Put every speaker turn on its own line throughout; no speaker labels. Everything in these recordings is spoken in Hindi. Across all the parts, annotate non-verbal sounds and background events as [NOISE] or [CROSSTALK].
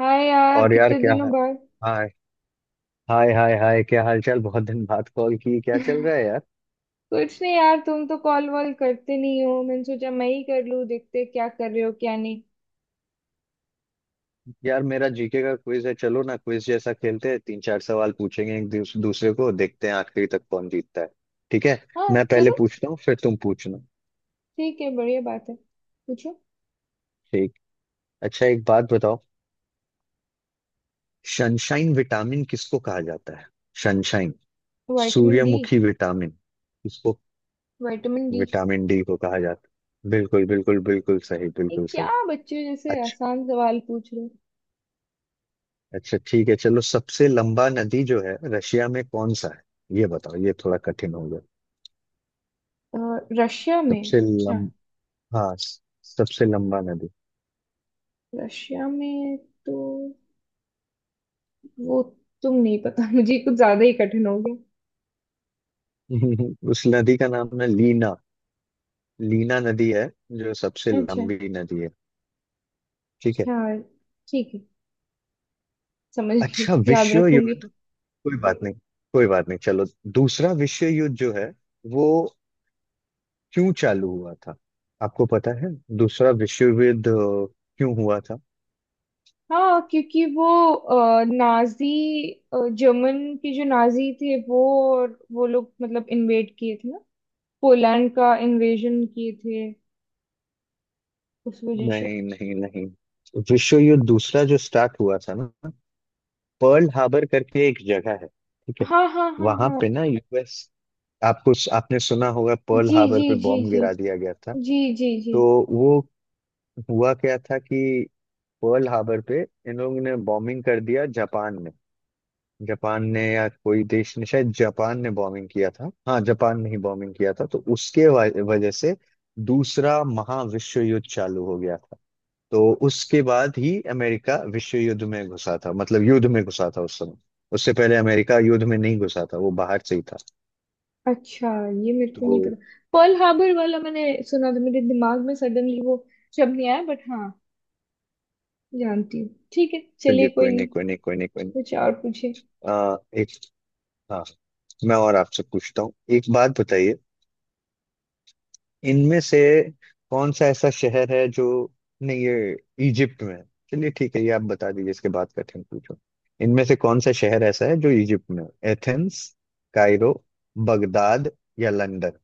हाय यार,
और यार,
कितने
क्या
दिनों
हाल।
बाद।
हाय हाय हाय हाय, क्या हाल चाल, बहुत दिन बाद कॉल की, क्या चल
[LAUGHS]
रहा है यार।
कुछ नहीं यार, तुम तो कॉल वॉल करते नहीं हो। मैंने सोचा मैं ही कर लूं, देखते क्या कर रहे हो क्या नहीं।
यार मेरा जीके का क्विज है, चलो ना, क्विज जैसा खेलते हैं, तीन चार सवाल पूछेंगे एक दूसरे को, देखते हैं आखिरी तक कौन जीतता है। ठीक है।
हाँ
मैं पहले
चलो।
पूछता हूँ फिर तुम पूछना।
ठीक है, बढ़िया बात है। पूछो।
ठीक। अच्छा, एक बात बताओ। सनशाइन विटामिन किसको कहा जाता है? Sunshine
vitamin D.
सूर्यमुखी विटामिन किसको?
Vitamin D.
विटामिन डी को कहा जाता है। बिल्कुल बिल्कुल बिल्कुल सही,
ये
बिल्कुल सही।
क्या बच्चे जैसे
अच्छा,
आसान सवाल पूछ रहे
अच्छा ठीक है चलो। सबसे लंबा नदी जो है रशिया में कौन सा है ये बताओ, ये थोड़ा कठिन हो गया।
हो? रशिया में?
सबसे
अच्छा,
लम हाँ सबसे लंबा नदी।
रशिया में तो वो, तुम नहीं पता। [LAUGHS] मुझे कुछ ज्यादा ही कठिन हो गया।
[LAUGHS] उस नदी का नाम है लीना। लीना नदी है जो सबसे
अच्छा।
लंबी नदी है। ठीक है।
अच्छा, ठीक है। समझ गई,
अच्छा
याद
विश्व
रखूंगी।
युद्ध, कोई बात नहीं, कोई बात नहीं चलो। दूसरा विश्व युद्ध जो है वो क्यों चालू हुआ था, आपको पता है? दूसरा विश्व युद्ध क्यों हुआ था?
हाँ, क्योंकि वो नाजी, जर्मन के जो नाजी थे वो, और वो लोग मतलब इन्वेड किए थे ना, पोलैंड का इन्वेजन किए थे, उस वजह से।
नहीं नहीं नहीं। विश्व युद्ध दूसरा जो स्टार्ट हुआ था ना, पर्ल हार्बर करके एक जगह है, ठीक है।
हाँ हाँ हाँ
वहां
हाँ।
पे ना यूएस, आपको, आपने सुना होगा पर्ल
जी
हार्बर
जी
पे
जी
बॉम्ब
जी।
गिरा दिया गया था।
जी जी जी।
तो वो हुआ क्या था कि पर्ल हार्बर पे इन लोगों ने बॉम्बिंग कर दिया, जापान ने। जापान ने, या कोई देश ने, शायद जापान ने बॉम्बिंग किया था, हाँ जापान ने ही बॉम्बिंग किया था। तो उसके वजह से दूसरा महाविश्व युद्ध चालू हो गया था। तो उसके बाद ही अमेरिका विश्व युद्ध में घुसा था, मतलब युद्ध में घुसा था उस समय। उससे पहले अमेरिका युद्ध में नहीं घुसा था, वो बाहर से ही था।
अच्छा, ये मेरे को नहीं
तो
पता। पर्ल हार्बर वाला मैंने सुना था, मेरे दिमाग में सडनली वो शब्द नहीं आया, बट हाँ, जानती हूँ। ठीक है चलिए,
चलिए
कोई
कोई
नहीं।
नहीं कोई नहीं कोई नहीं कोई नहीं।
कुछ और पूछे।
एक, हाँ, मैं और आपसे पूछता हूँ, एक बात बताइए। इनमें से कौन सा ऐसा शहर है जो नहीं, ये इजिप्ट में है। चलिए ठीक है, ये आप बता दीजिए, इसके बाद कठिन पूछो। इनमें से कौन सा शहर ऐसा है जो इजिप्ट में है, एथेंस, कायरो, बगदाद या लंदन?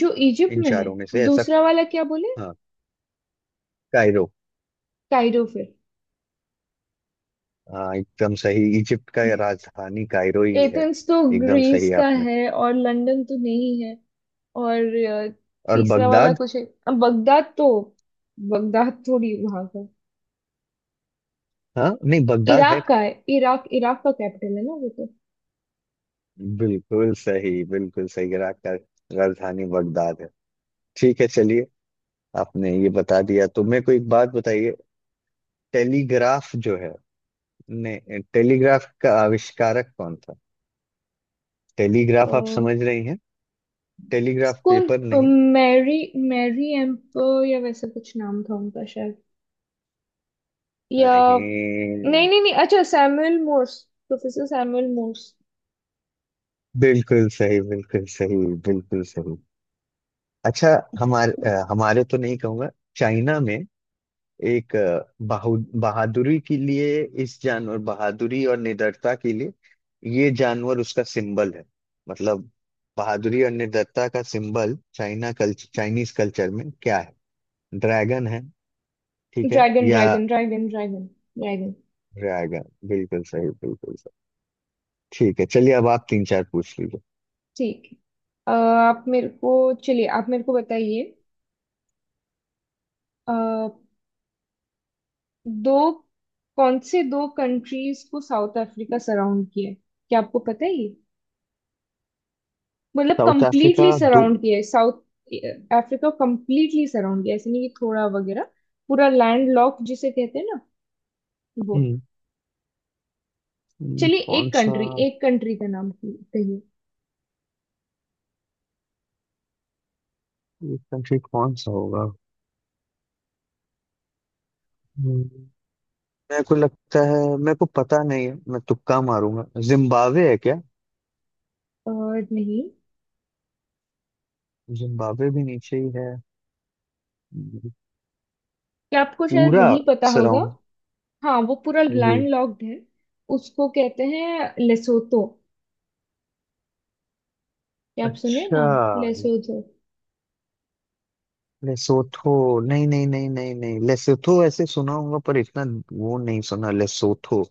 जो इजिप्ट
इन
में है?
चारों में से ऐसा।
दूसरा वाला क्या बोले?
हाँ, कायरो।
कायरो फिर।
हाँ एकदम सही, इजिप्ट का ये राजधानी कायरो ही है।
एथेंस तो
एकदम
ग्रीस
सही
का
आपने।
है, और लंदन तो नहीं है। और
और
तीसरा वाला
बगदाद।
कुछ है? अब बगदाद तो, बगदाद थोड़ी वहां का,
हाँ नहीं, बगदाद है।
इराक का है। इराक, इराक का कैपिटल है ना वो तो।
बिल्कुल सही बिल्कुल सही, इराक का राजधानी बगदाद है। ठीक है चलिए। आपने ये बता दिया तो मेरे को एक बात बताइए। टेलीग्राफ जो है ने, टेलीग्राफ का आविष्कारक कौन था?
अ,
टेलीग्राफ आप समझ रही हैं? टेलीग्राफ,
कौन,
पेपर नहीं।
मैरी, मैरी एम्पर या वैसा कुछ नाम था उनका शायद, या, नहीं
नहीं,
नहीं नहीं, अच्छा, Samuel Morse. Professor Samuel Morse.
बिल्कुल सही बिल्कुल सही बिल्कुल सही। अच्छा, हमारे हमारे तो नहीं कहूंगा, चाइना में एक बहु बहादुरी के लिए, इस जानवर, बहादुरी और निडरता के लिए ये जानवर उसका सिंबल है। मतलब बहादुरी और निडरता का symbol China culture, Chinese culture में क्या है? ड्रैगन है, ठीक है
ड्रैगन
या?
Dragon dragon dragon dragon.
Dragon, बिल्कुल सही बिल्कुल सही। ठीक है, चलिए अब आप तीन चार पूछ लीजिए।
ठीक है। आप मेरे को, चलिए आप मेरे को बताइए। अ, दो, कौन से दो कंट्रीज को साउथ अफ्रीका सराउंड किया है? क्या आपको पता है ये? मतलब
साउथ अफ्रीका,
कंप्लीटली
दो।
सराउंड किया है, साउथ अफ्रीका कंप्लीटली सराउंड किया है, ऐसे नहीं कि थोड़ा वगैरह। पूरा लैंड लॉक जिसे कहते हैं ना वो।
हम्म।
चलिए,
कौन
एक
सा?
कंट्री, एक कंट्री का नाम कहिए।
ये कंट्री कौन सा होगा? हम्म, मेरे को लगता है, मेरे को पता नहीं है, मैं तुक्का मारूंगा। जिम्बाब्वे है क्या?
और नहीं?
जिम्बाब्वे भी नीचे ही है।
क्या आपको शायद
पूरा
नहीं पता होगा।
सराउंड?
हाँ, वो पूरा
जी।
लैंड लॉक्ड है। उसको कहते हैं लेसोतो। क्या आप सुने
अच्छा,
नाम? लेसोतो।
लेसोथो। नहीं नहीं नहीं नहीं नहीं, लेसोथो ऐसे सुना होगा पर इतना वो नहीं सुना, लेसोथो।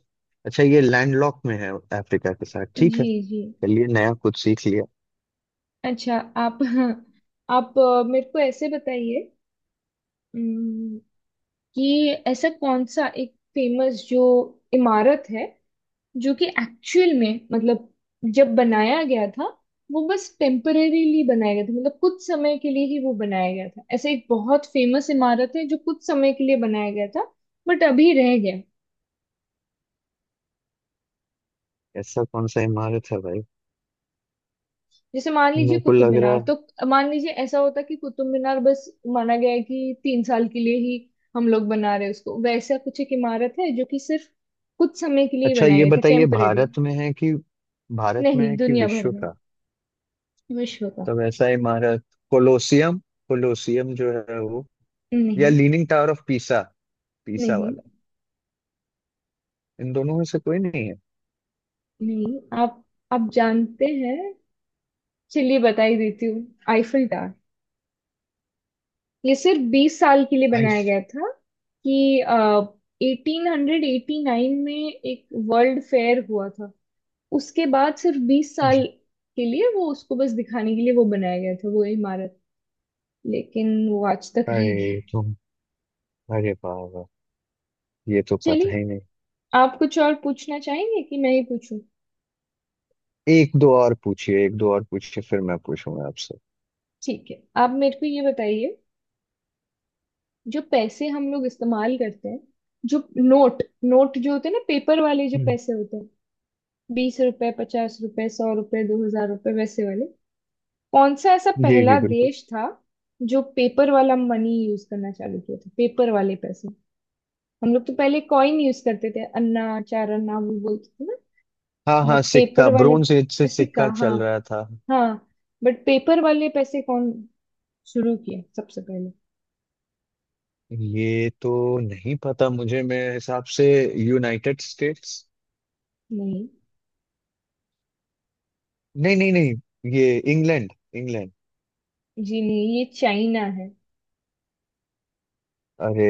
अच्छा ये लैंडलॉक में है अफ्रीका के साथ, ठीक
जी।
है।
जी।
चलिए नया कुछ सीख लिया।
अच्छा, आप [LAUGHS] आप मेरे को ऐसे बताइए। अम, कि ऐसा कौन सा एक फेमस जो इमारत है, जो कि एक्चुअल में मतलब जब बनाया गया था वो बस टेम्परेरीली बनाया गया था, मतलब कुछ समय के लिए ही वो बनाया गया था, ऐसा एक बहुत फेमस इमारत है जो कुछ समय के लिए बनाया गया था, बट अभी रह गया।
ऐसा कौन सा इमारत है भाई?
जैसे मान लीजिए
मेरे को
कुतुब
लग रहा
मीनार
है।
तो, मान लीजिए ऐसा होता कि कुतुब मीनार बस माना गया है कि 3 साल के लिए ही हम लोग बना रहे हैं उसको, वैसा कुछ एक इमारत है जो कि सिर्फ कुछ समय के लिए ही
अच्छा
बनाया
ये
गया था,
बताइए,
टेम्परेरी।
भारत में है कि भारत में
नहीं,
है कि
दुनिया भर
विश्व
में,
का?
विश्व का।
तो वैसा ही हमारा कोलोसियम, कोलोसियम जो है वो, या
नहीं
leaning tower of Pisa, Pisa
नहीं
वाला? इन दोनों में से कोई नहीं है?
नहीं, आप, आप जानते हैं। चलिए, बता ही देती हूँ, आईफिल टावर। ये सिर्फ 20 साल के लिए
आई।
बनाया गया था। कि 1889 में एक वर्ल्ड फेयर हुआ था, उसके बाद सिर्फ 20 साल के लिए वो, उसको बस दिखाने के लिए वो बनाया गया था वो इमारत। लेकिन वो आज तक रह गया
अरे
है।
तुम, अरे बाबा, ये तो पता
चलिए,
ही नहीं।
आप कुछ और पूछना चाहेंगे कि मैं ही पूछूं?
एक दो और पूछिए, एक दो और पूछिए, फिर मैं पूछूंगा आपसे।
ठीक है, आप मेरे को ये बताइए। जो पैसे हम लोग इस्तेमाल करते हैं, जो नोट नोट जो होते हैं ना, पेपर वाले जो
हम्म,
पैसे होते हैं, 20 रुपए, 50 रुपए, 100 रुपए, 2,000 रुपए, वैसे वाले। कौन सा ऐसा
जी जी,
पहला
बिल्कुल।
देश था जो पेपर वाला मनी यूज करना चालू किया था, पेपर वाले पैसे? हम लोग तो पहले कॉइन यूज करते थे, अन्ना, 4 अन्ना वो बोलते थे ना।
हाँ हाँ,
बट
सिक्का,
पेपर वाले,
ब्रोंज एज से
सिक्का,
सिक्का
हाँ।
चल रहा था।
हाँ, बट पेपर वाले पैसे कौन शुरू किए सबसे पहले?
ये तो नहीं पता मुझे, मेरे हिसाब से यूनाइटेड स्टेट्स।
नहीं।
नहीं नहीं नहीं, ये इंग्लैंड, इंग्लैंड।
जी नहीं, ये चाइना है।
अरे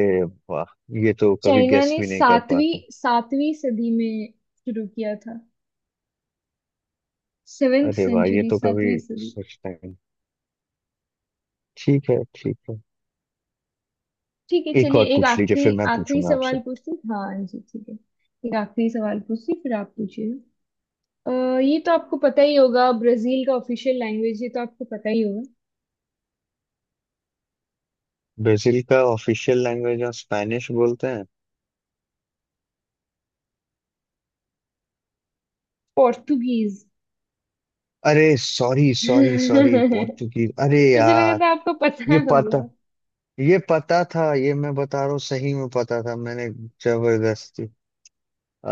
वाह, ये तो कभी
चाइना
गेस
ने
भी नहीं कर
सातवीं
पाता।
सातवीं सदी में शुरू किया था, सेवेंथ
अरे वाह, ये
सेंचुरी,
तो कभी
सातवीं सदी।
सोचता ही नहीं। ठीक है ठीक है।
ठीक है
एक
चलिए,
और
एक
पूछ लीजिए
आखिरी,
फिर मैं
आखिरी
पूछूंगा आपसे।
सवाल पूछती, हाँ जी ठीक है, एक आखिरी सवाल पूछती फिर आप पूछिए। अ, ये तो आपको पता ही होगा, ब्राजील का ऑफिशियल लैंग्वेज, ये तो आपको पता ही होगा।
ब्राजील का ऑफिशियल लैंग्वेज, और स्पेनिश बोलते हैं।
पोर्टुगीज।
अरे सॉरी
[LAUGHS]
सॉरी सॉरी, पोर्तुगीज, अरे
मुझे लगा
यार।
था आपको पता
ये पता,
होगा।
ये पता था, ये मैं बता रहा हूँ, सही में पता था मैंने। जबरदस्ती,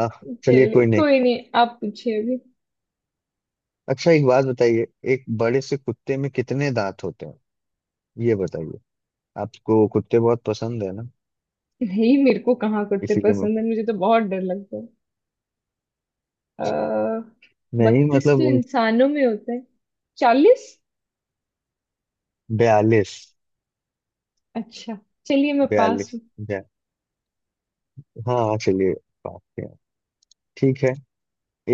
आह, चलिए
चलिए
कोई नहीं।
कोई नहीं, आप पूछिए अभी।
अच्छा एक बात बताइए, एक बड़े से कुत्ते में कितने दांत होते हैं ये बताइए। आपको कुत्ते बहुत पसंद है ना,
नहीं, मेरे को कहाँ करते
इसीलिए
पसंद है, मुझे तो बहुत डर लगता है। अः।
नहीं
32
मतलब
तो
उन।
इंसानों में होता है। 40।
42।
अच्छा, चलिए मैं पास
बयालीस
हूँ।
बया, हाँ चलिए, बात है, ठीक है।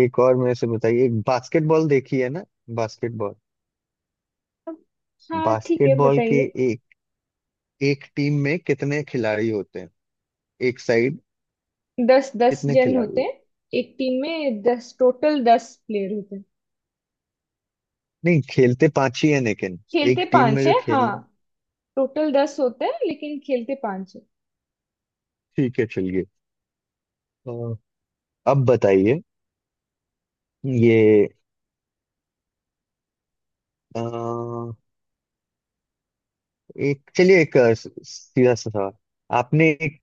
एक और मेरे से बताइए, एक बास्केटबॉल देखी है ना, बास्केटबॉल।
हाँ ठीक है,
बास्केटबॉल
बताइए।
के एक, एक टीम में कितने खिलाड़ी होते हैं एक साइड?
10, 10
कितने
जन
खिलाड़ी
होते
होते हैं?
हैं। एक टीम में 10, टोटल 10 प्लेयर होते हैं।
नहीं, खेलते पांच ही हैं लेकिन एक
खेलते
टीम में
पांच है,
जो खेल
हाँ।
रहे हैं।
टोटल दस होते हैं, लेकिन खेलते पांच है।
ठीक है चलिए। अ, अब बताइए ये अ, एक, चलिए एक सीधा सा सवाल। आपने एक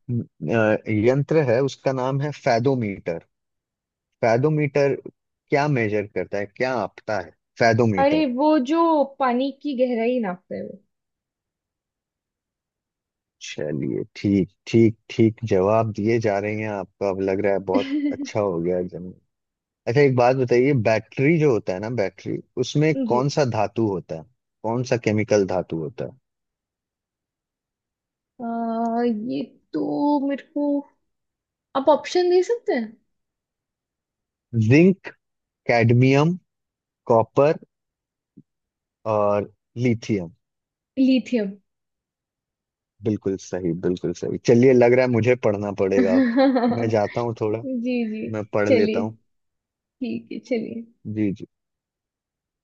यंत्र है उसका नाम है फैदोमीटर, फैदोमीटर क्या मेजर करता है क्या आपता है?
अरे
फैदोमीटर।
वो जो पानी की गहराई नापता है वो।
चलिए ठीक ठीक ठीक, जवाब दिए जा रहे हैं आपका, अब लग रहा है बहुत अच्छा
[LAUGHS]
हो गया जन। अच्छा एक बात बताइए, बैटरी जो होता है ना, बैटरी उसमें
जी।
कौन सा धातु होता है, कौन सा केमिकल धातु होता है?
आ, ये तो मेरे को, आप ऑप्शन दे सकते हैं।
जिंक, कैडमियम, कॉपर और लिथियम।
लिथियम।
बिल्कुल सही बिल्कुल सही, चलिए लग रहा है मुझे पढ़ना पड़ेगा अब। मैं जाता
[LAUGHS] जी।
हूँ थोड़ा,
जी।
मैं पढ़ लेता
चलिए
हूँ।
ठीक है चलिए।
जी जी।